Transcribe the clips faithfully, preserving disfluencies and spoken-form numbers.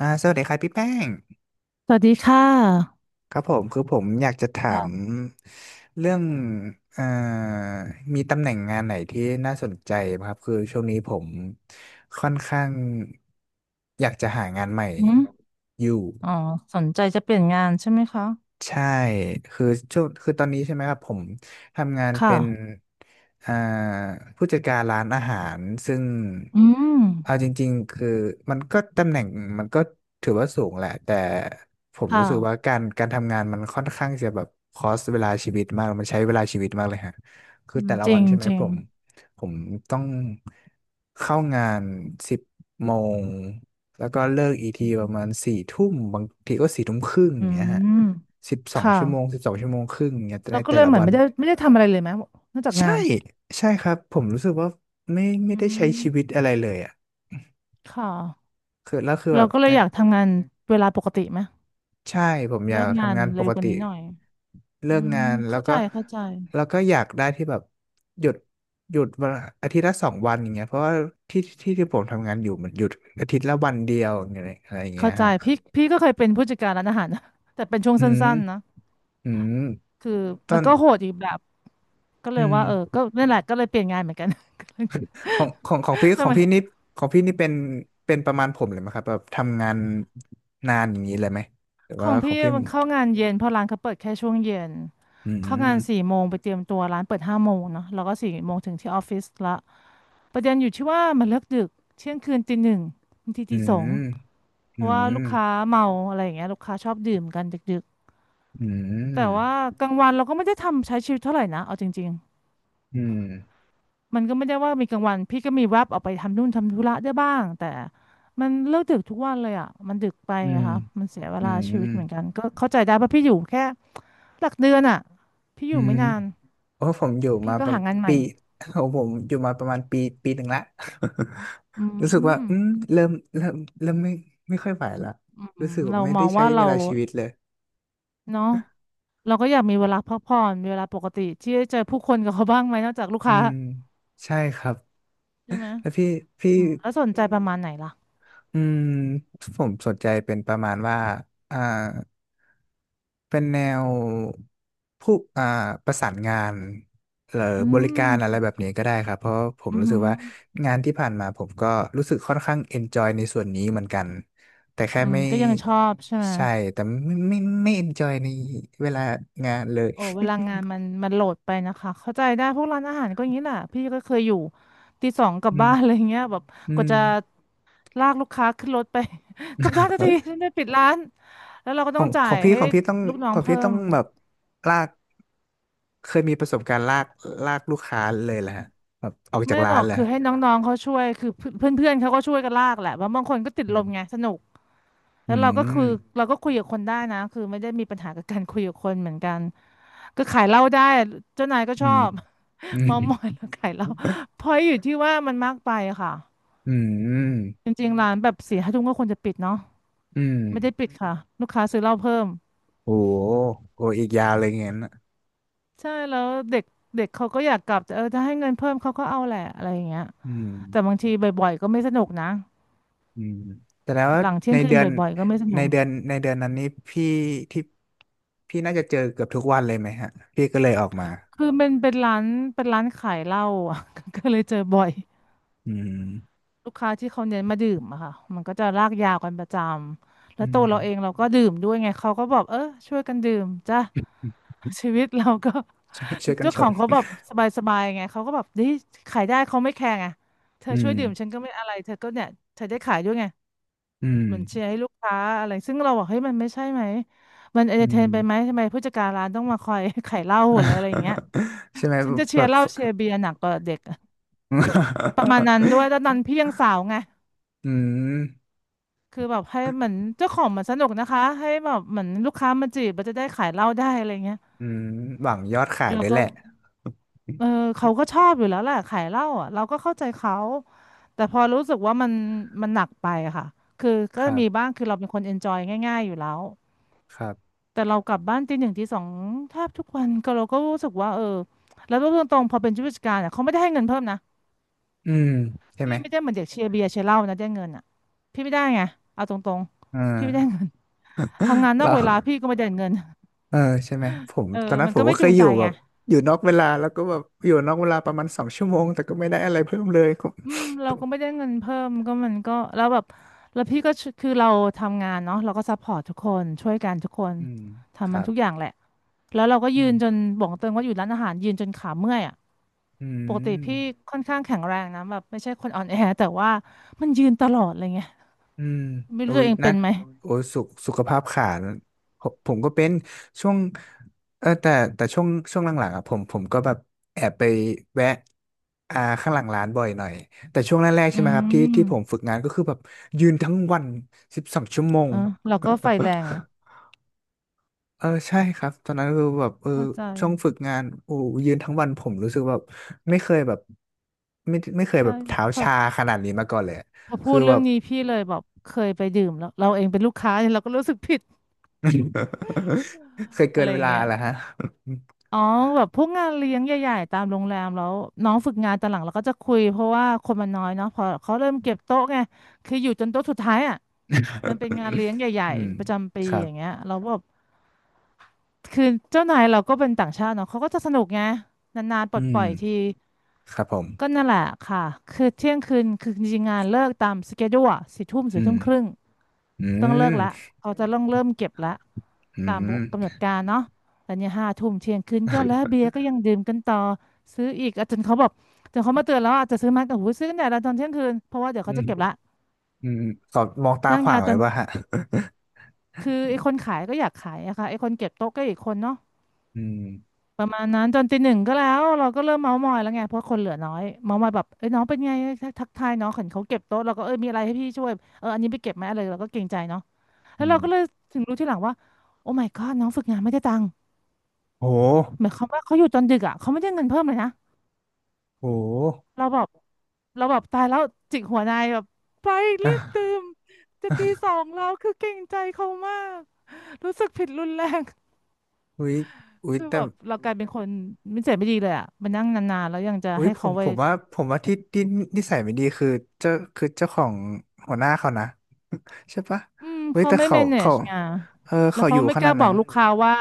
อ่าสวัสดีครับพี่แป้งสวัสดีค่ะครับผมคือผมอยากจะถามค่ะเรื่องเอ่อมีตำแหน่งงานไหนที่น่าสนใจไหมครับคือช่วงนี้ผมค่อนข้างอยากจะหางานใหม่อืมอยู่ อ๋อสนใจจะเปลี่ยนงานใช่ไหมคะใช่คือช่วงคือตอนนี้ใช่ไหมครับ ผมทำงานเป็ค่ะนอ่าผู้จัดการร้านอาหาร ซึ่งอืมเอาจริงๆ คือมันก็ตำแหน่งมันก็ถือว่าสูงแหละ แต่ผมครู้สึกว่า่ะการการทำงานมันค่อนข้างจะแบบคอสเวลาชีวิตมาก มันใช้เวลาชีวิตมากเลยฮะคืออืมแต่ละจริวันงใช่ไหมจริผงม ผมต้องเข้างานสิบโมง แล้วก็เลิกอีกทีประมาณสี่ทุ่มบางทีก็สี่ทุ่มครึ่งออืย่างเงี้ยฮะ มสิบสอคงชั่วโมง่ะสิบสองชั่วโมงครึ่งเนี่ยในเราก็แต่เลยละเหมือนวันไม่ได้ไม่ได้ทำอะไรเลยไหมนอกจากงาใช่นใช่ครับผมรู้สึกว่าไม่ไม่อืได้ใช้ชีวิตมอะไรเลยอ่ะค่ะคือแล้วคือแบเราบก็เลในยอยากทำงานเวลาปกติไหมใช่ผมอเลิยากกงานทำงานปเร็วกกว่าตินี้หน่อยเลิอืกมงานแล้วเข้าใจก็เข้าใจแล้วก็อยากได้ที่แบบหยุดหยุดวันอาทิตย์ละสองวันอย่างเงี้ยเพราะว่าที่ที่ที่ผมทำงานอยู่มันหยุดอาทิตย์ละวันเดียวอย่างเงี้ยอะไรอย่างเงี้เข้ายใจฮะพี่พี่ก็เคยเป็นผู้จัดการร้านอาหารนะ แต่เป็นช่วงอืสัม้นๆนะ อืมคือตอมันนก็โหดอีกแบบก็เลอืยม ว่าเออก็นั่นแหละก็เลยเปลี่ยนงานเหมือนกัน ของของของพี่ สของมัยพี่นี่ของพี่นี่เป็นเป็นประมาณผมเลยไหมครับแบบทำงานนานอย่างนี้เลยไหมหรือขว่าองของพี่พี่มันเข้างานเย็นเพราะร้านเขาเปิดแค่ช่วงเย็นอืเข้างานสี่มโมงไปเตรียมตัวร้านเปิดห้าโมงเนาะแล้วก็สี่โมงถึงที่ออฟฟิศละประเด็นอยู่ที่ว่ามันเลิกดึกเที่ยงคืนตีหนึ่งบางทีอืตีสอมงเพอืราะว่ามลูกค้าเมาอะไรอย่างเงี้ยลูกค้าชอบดื่มกันดึกอืๆแต่ว่ามกลางวันเราก็ไม่ได้ทำใช้ชีวิตเท่าไหร่นะเอาจริง อืมมันก็ไม่ได้ว่ามีกลางวันพี่ก็มีแวบออกไปทำนู่นทำธุระได้บ้างแต่มันเลิกดึกทุกวันเลยอ่ะมันดึกไปอือะมค่ะมันเสียเวอืลาชีวิตมเหมือนกันก็เข้าใจได้เพราะพี่อยู่แค่หลักเดือนอ่ะพี่ออืยู่มไม่นานโอ้ผมอยู่พี่มาก็ประหามาณงานใหม่ปีของผมอยู่มาประมาณปีปีหนึ่งละ อื รู้สึกว่าอืมมเริ่มเริ่มเริ่มไม่ไม่ค่อยไหวละอืรู้มสึกว่าเราไม่มได้องใช้ว่าเวเราลาชีวิตเลยเนาะเราก็อยากมีเวลาพักผ่อนมีเวลาปกติที่จะเจอผู้คนกับเขาบ้างไหมนอกจากลูกอืค้ามใช่ครับใช่ไหมแล้วพี่พี่ อืมแล้วสนใจประมาณไหนล่ะอืมผมสนใจเป็นประมาณว่าอ่าเป็นแนวผู้อ่าประสานงานหรืออืบริการอะไรมแบบนี้ก็ได้ครับเพราะผมอือรู้สึหืกอว่างานที่ผ่านมาผมก็รู้สึกค่อนข้างเอนจอยในส่วนนี้เหมือนกันแต่แค่อืมไม่ก็ยังชอบใช่ไหม ใช่แต่ไม่ไม่ไม่เอนจอยในเวลางานเลยโอ้เวลางานมันมันโหลดไปนะคะเข้าใจได้พวกร้านอาหารก็อย่างนี้แหละพี่ก็เคยอยู่ตีสองกลับอืมบ้านอะไรเงี้ยแบบอืกว่าม จะลากลูกค้าขึ้นรถไป กลับได้ทันทีฉันจะปิดร้านแล้วเราก็ขต้อองงขจ่าองยพี่ให้ของพี่ต้องลูกน้อขงองพี่เพิ่ต้อมงแบบลากเคยมีประสบการณ์ลากลากลูกค้าเลยแหละแบบออกจากไม่หรร้าอนกแหละคือให้น้องๆเขาช่วยคือเพื่อนเพื่อนๆเขาก็ช่วยกันลากแหละว่าะบางคนก็ติดอลมไงมสนุกแล้อืวเราก็คือมเราก็คุยกับคนได้นะคือไม่ได้มีปัญหากับการคุยกับคนเหมือนกันก็ขายเหล้าได้เจ้านายก็อืชอมบ อื เมามอยมแล้วขายเหล้าเพราะอยู่ที่ว่ามันมากไปอะค่ะ อืมจริงๆร้านแบบสี่ห้าทุ่มก็ควรจะปิดเนาะอืมไม่ได้ปิดค่ะลูกค้าซื้อเหล้าเพิ่มโอ้โหโอ้อีกยาวเลยงั้นอะใช่แล้วเด็กเด็กเขาก็อยากกลับแต่เออถ้าให้เงินเพิ่มเขาก็เอาแหละอะไรอย่างเงี้ยอืมแต่บางทีบ่อยๆก็ไม่สนุกนะอืมแต่แล้วาหลังเที่ยในงคืเดืนอนบ่อยๆก็ไม่สในนุกเดือนในเดือนนั้นนี้พี่ที่พี่น่าจะเจอเกือบทุกวันเลยไหมฮะพี่ก็เลยออกมาคือเป็นเป็นร้านเป็นร้านขายเหล้าอะ ก็เลยเจอบ่อย อืมลูกค้าที่เขาเน้นมาดื่มอะค่ะมันก็จะลากยาวกันประจำแล้อืวตัม วเราเองเราก็ดื่มด้วยไงเขาก็บอกเออช่วยกันดื่มจ้ะ ชีวิตเราก็ ช่วยช่วย กันเจ้าชขอนงเขาแบบสบายๆไงเขาก็แบบดีขายได้เขาไม่แคร์ไงเธออืช่มวยดื่มฉันก็ไม่อะไรเธอก็เนี่ยเธอได้ขายด้วยไงอืม เหมือนเชียร์ให้ลูกค้าอะไรซึ่งเราบอกเฮ้ยมันไม่ใช่ไหมมันเอนอืเตอร์เทนม ไปไหมทำไมผู้จัดการร้านต้องมาคอย ขายเหล้าหรืออะไรอย่างเงี้ย ใช่ไหมฉันจะเชีแบยร์บ เหล้าเชียร์เบียร์หนักกว่าเด็กอะประมาณนั้นด้วยแล้วตอนนั้น พี่ยังสาวไง อืมคือแบบให้เหมือนเจ้าของมันสนุกนะคะให้แบบเหมือนลูกค้ามาจีบมันจะได้ขายเหล้าได้อะไรเงี้ยอืมหวังยอดขายเราด้วยก็แหละเออเขาก็ชอบอยู่แล้วแหละขายเหล้าอ่ะเราก็เข้าใจเขาแต่พอรู้สึกว่ามันมันหนักไปอะค่ะคือก็ครับมีบ้างคือเราเป็นคนเอนจอยง่ายๆอยู่แล้วครับแต่เรากลับบ้านตีหนึ่งตีสองแทบทุกวันก็เราก็รู้สึกว่าเออแล้วพูดตรงๆพอเป็นผู้จัดการอ่ะเขาไม่ได้ให้เงินเพิ่มนะอืมใช่ไหพี่มไม่ได้เหมือนเด็กเชียร์เบียร์เชียร์เหล้านะได้เงินอ่ะพี่ไม่ได้ไงเอาตรงเอๆพี่ไม่ได้อเงินทำงานนเอกเวลาพี่ราก็ไม่ได้เงิน เออใช่ไหมผมเออ ตอนนั้นมันผมก็ไม่ก็เคจูยงอใจยู่แบไงบอยู่นอกเวลาแล้วก็แบบอยู่นอกเวลาประมาณสองชั่วโมงแต่ก็ไม่ได้อะไรเพิ่มเลยก็อืม เราก็ไม่ได้เงินเพิ่มก็มันก็แล้วแบบแล้วพี่ก็ชคือเราทำงานเนาะเราก็ซัพพอร์ตทุกคนช่วยกันทุกคนอืมคทำมัรันทุกอบย่างแหละแล้วเราก็ยือืนมจนบอกเติงว่าอยู่ร้านอาหารยืนจนขาเมื่อยอ่ะอืปกติม พี่ค่อนข้างแข็งแรงนะแบบไม่ใช่คนอ่อนแอแต่ว่ามันยืนตลอดอะไรเงี้ยอืมไม่โอ้รู้ตัยวเองนัเป็นดไหมโอ้ยสุขสุขภาพขาดผมผมก็เป็นช่วงเออแต่แต่ช่วงช่วงหลังๆอ่ะผมผมก็แบบแอบไปแวะอ่าข้างหลังร้านบ่อยหน่อยแต่ช่วงแรกๆอืใช่ไหมครับที่ที่ผมมฝึกงานก็คือแบบยืนทั้งวันสิบสองชั่วโมงเออเราก็ไฟแรงนะเออใช่ครับตอนนั้นคือแบบเออเข้าใจช่วงฝึกงานโอ้ยืนทั้งวันผมรู้สึกแบบไม่เคยแบบไม่ไม่เคยใช่แบบเท้าพอชาขนาดนี้มาก่อนเลยอะพอพูคือดแบเรื่องบ นี้พี่เลยแบบเคยไปดื่มแล้วเราเองเป็นลูกค้าเนี่ยเราก็รู้สึกผิด เคยเกิอะไรนเวอย่างลาเงี้ย เหรอฮะอ๋อแบบพวกงานเลี้ยงใหญ่ๆตามโรงแรมแล้วน้องฝึกงานตอนหลังเราก็จะคุยเพราะว่าคนมันน้อยเนาะพอเขาเริ่มเก็บโต๊ะไงคืออยู่จนโต๊ะสุดท้ายอ่ะมันเป็นงานเลี้ยงใหญ่อืมๆประจำปีครัอบย่างเงี้ยเราก็แบบคือเจ้านายเราก็เป็นต่างชาติเนาะเขาก็จะสนุกไงนานๆปลดอืปล่มอยทีครับผมก็นั่นแหละค่ะคือเที่ยงคืนคือจริงๆงานเลิกตามสเกดูอะสี่ทุ่มสี่อืทุ่มมครึ่งอืต้องเลิกละมเขาจะต้องเริ่มเก็บละ อืตามกำหนดมการเนาะแต่เนี่ยห้าทุ่มเที่ยงคืนก็แล้วเบียร์ก็ยังดื่มกันต่อซื้ออีกอ่ะจนเขาบอกจนเขามาเตือนแล้วอาจจะซื้อมาแต่หูซื้อกันแต่ละตอนเที่ยงคืนเพราะว่าเดี๋ยวอืเขามจะเก็บละอืมขอมองตานั่งขวายางวจเลยนป่ะฮะคือไอ้คนขายก็อยากขายอะค่ะไอ้คนเก็บโต๊ะก็อีกคนเนาะอืมประมาณนั้นจนตีหนึ่งก็แล้วเราก็เริ่มเมาท์มอยแล้วไงเพราะคนเหลือน้อยเมาท์มอยแบบเอ้ยน้องเป็นไงทักทักทายน้องเห็นเขาเก็บโต๊ะเราก็เอ้ยมีอะไรให้พี่ช่วยเอออันนี้ไปเก็บไหมอะไรเราก็เกรงใจเนาะอืแล้วเราก็เลยมถึงรู้ทีหลังว่าโอ้ my god น้องฝึกงานไม่ได้ตังค์ โหเหมือนเขาว่าเขาอยู่จนดึกอ่ะเขาไม่ได้เงินเพิ่มเลยนะโหเราแบบเราแบบตายแล้วจิกหัวนายแบบไปรีบตื่อ่ะนจะตีสองแล้วคือเกรงใจเขามากรู้สึกผิดรุนแรงอุ๊ยอุ๊ยคือแต่แบบเรากลายเป็นคนไม่เจ็บไม่ดีเลยอ่ะมานั่งนานๆแล้วยังจะอุ๊ยให้ผเขามไปผมว่า ผมว่าที่ที่นิสัยไม่ดีคือเจ้าคือเจ้าของหัวหน้าเขานะใช่ปะอืมเว้ยเขาแต่ไม่ เขาเขา manage ไงเออแล้วเขาอเขายู่ไม่ขกนาล้าดบอนั้นกลูกค้าว่า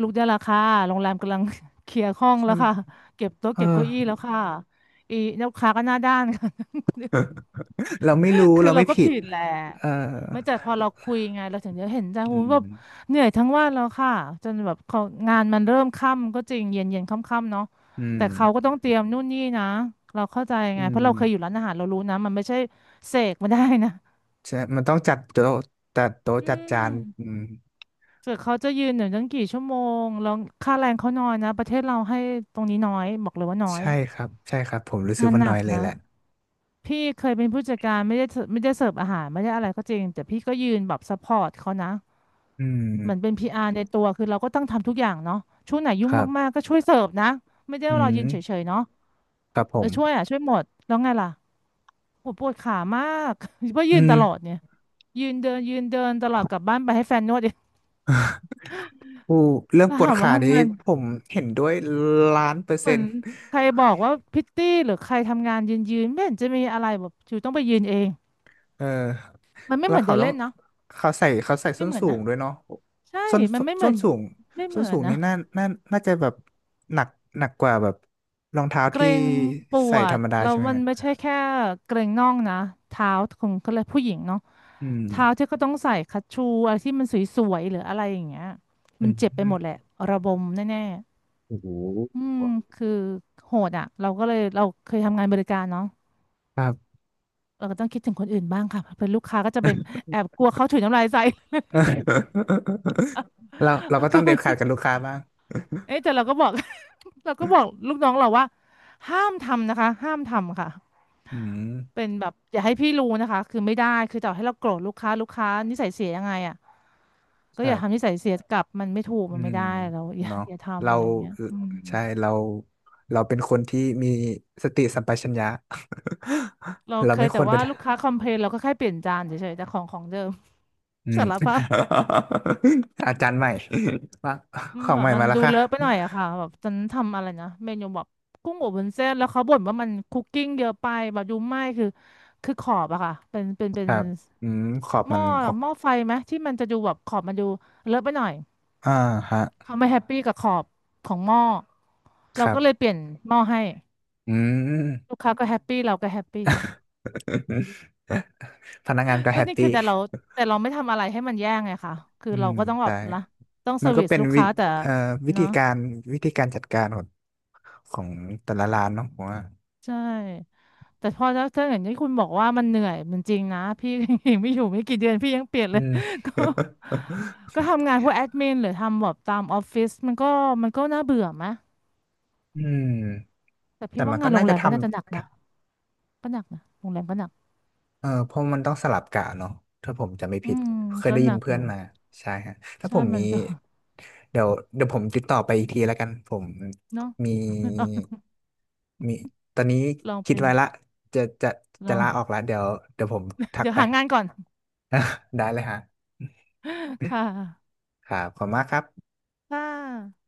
ลูกได้ราคาโรงแรมกำลัง เคลียร์ห้องใช่แล้วไหมค่ะเก็บโต๊ะเออ เก็บเก้าอี้แล้วค่ะอีลูกค้าก็หน้าด้านค่ะ เราไม่รู้คือเราเราไม่ก็ผิดผิดแหละเออไม่แต่พอเราคุยไงเราถึงจะเห็นใจโอ้อืโหูแบบมเหนื่อยทั้งวันแล้วค่ะจนแบบเขางานมันเริ่มค่ำก็จริงเย็นเย็นค่ำๆเนาะอืมแต่เขาก็ต้องเตรียมนู่นนี่นะเราเข้าใจอืไงเพราะมเราเคยอยู่ร้านอาหารเรารู้นะมันไม่ใช่เสกมาได้นะใช่มันต้องจัดโต๊ะจัดโต๊ะอืจัดจานอืมมเกิดเขาจะยืนหนึ่งตั้งกี่ชั่วโมงแล้วค่าแรงเขาน้อยนะประเทศเราให้ตรงนี้น้อยบอกเลยว่าน้อยใช่ครับใช่ครับผมรู้สึกงานว่าหนัน้อยกเลยนะ แหละพี่เคยเป็นผู้จัดการไม่ได้เสิร์ฟไม่ได้เสิร์ฟอาหารไม่ได้อะไรก็จริงแต่พี่ก็ยืนแบบซัพพอร์ตเขานะอืเหมือนเป็มน พี อาร์ ในตัวคือเราก็ต้องทำทุกอย่างเนาะช่วงไหนยุ่คงรัมาบ กๆก็ช่วยเสิร์ฟนะไม่ได้อืว่ารอยืนเฉมยๆเนาะครับผเออมช่วยอ่ะช่วยหมดแล้วไงล่ะโหปวดขามาก เพราะยือืนม ตลอดเนี่ยยืนเดินยืนเดินตลอดกลับบ้านไปให้แฟนนวด เอง อู้เรื่องแล้วปวดถามขาว่านี้เงินผมเห็นด้วยล้านเปอร์เหเซ็มือนนต์ ใครบอกว่าพิตตี้หรือใครทำงานยืนยืนไม่เห็นจะมีอะไรแบบอยู่ต้องไปยืนเองเออมันไม่แล้เหวมือนเขาเดินต้องเล่นเนาะเขาใส่เขาใส่ไม่ส้นเหมือนสูนะ งด้วยเนาะใช่ ส้นมันไม่เหมืส้อนนสูงไม่เหส้มืนอสูนงนะนี้น่าน่าน่าจะแบบหนักหนักกว่าแบบรองเท้าเกรที่งปใส่วธรดรมดาแล้วใช่ไหมมันฮะไม่ใช่แค่เกรงน่องนะเท้าของเขาเลยกผู้หญิงเนาะอืมเท้าที่ก็ต้องใส่คัชชูอะไรที่มันสวยๆหรืออะไรอย่างเงี้ยอืมันมเจ็บไปหมดแหละระบมแน่โอ้โหๆอืมคือโหดอ่ะเราก็เลยเราเคยทำงานบริการเนาะครับ เราก็ต้องคิดถึงคนอื่นบ้างค่ะเป็นลูกค้าก็จะเป็นแอบกลัวเขาถุยน้ำลายใส่ เราเราก็ ต้ก็องเด็ดไม่ขาดกับลูกค้าบ้าง เอ๊ะแต่เราก็บอก เราก็บอกลูกน้องเราว่าห้ามทำนะคะห้ามทำค่ะ อืมเป็นแบบอย่าให้พี่รู้นะคะคือไม่ได้คือต่อให้เราโกรธลูกค้าลูกค้านิสัยเสียยังไงอ่ะก็คอรัย่าทำนิบสัยเสียกลับมันไม่ถูกอืมันไม่มได้เราอย่าเนาะอย่าทำเราอะไรอย่างเงี้ยอืมใช่เราเราเป็นคนที่มีสติสัมปชัญญะ เรา เราเคไม่ยคแต่วรไป ว่าลูกค้าคอมเพลนเราก็แค่เปลี่ยนจานเฉยๆแต่ของของเดิม อื ม สารภาพ อาจารย์ใหม่ว่าอืขมองแบใหบม่มันมาแล้วดูค่ะเลอะไปหน่อยอะค่ะแบบฉันทำอะไรนะเมนูแบบกุ้งอบวุ้นเส้นแล้วเขาบ่นว่ามันคุกกิ้งเยอะไปแบบดูไหม้คือคือขอบอะค่ะเป็นเป็นเป็คนรับอืม ขอบหม้มัอนออกหม้อไฟไหมที่มันจะดูแบบขอบมันดูเลอะไปหน่อย อ่าฮะเขาไม่แฮปปี้กับขอบของหม้อคเรารัก็เลยบ เปลี่ยนหม้อให้อืลูม กค้าก็แฮปปี้เราก็แฮปปี้ พนักงานก็ ก็แฮปนี่ปี้คือแต่เราแต่เราไม่ทำอะไรให้มันแย่ไงค่ะ คืออืเรามก็ต้องแบใช่บนะต้องเซมัอนร์ก็วิสเป็นลูกวิค้าแต่เอ่อวิธีเนาะการวิธีการจัดการของของแต่ละร้านเนาะผมว่าใช่แต่พอถ้าถ้าอย่างที่คุณบอกว่ามันเหนื่อยมันจริงนะพี่ ยังไม่อยู่ไม่กี่เดือนพี่ยังเปลี่ยนอืเลย ม ก็ก็ ทำงานพวกแอดมินหรือทำแบบตามออฟฟิศมันก็มันก็น่าเบื่อไหมอืม แต่พี่แต่ว่ามันก็งานโรน่างแรจะมทก็น่าจะหนักำ นะก็หนักนะโรงแรมก็หนักเออเพราะมันต้องสลับกะเนาะถ้าผมจำไม่อืผิดมเคยก็ได้หยินันกเพื่ออนยู่ มาใช่ฮะถ้าผใช่มมัมีนก็ เดี๋ยวเดี๋ยวผมติดต่อไปอีกทีแล้วกันผม เนาะ มี ลองมีตอนนี้ลองคิดเป็น ไว้ละจะจะลจะอง ลาออกแล้ว เดี๋ยวเดี๋ยวผมทักเดี๋ยวไป หางานก่อน ได้เลยฮะ ค่ะครับขอบคุณมากครับค่ะ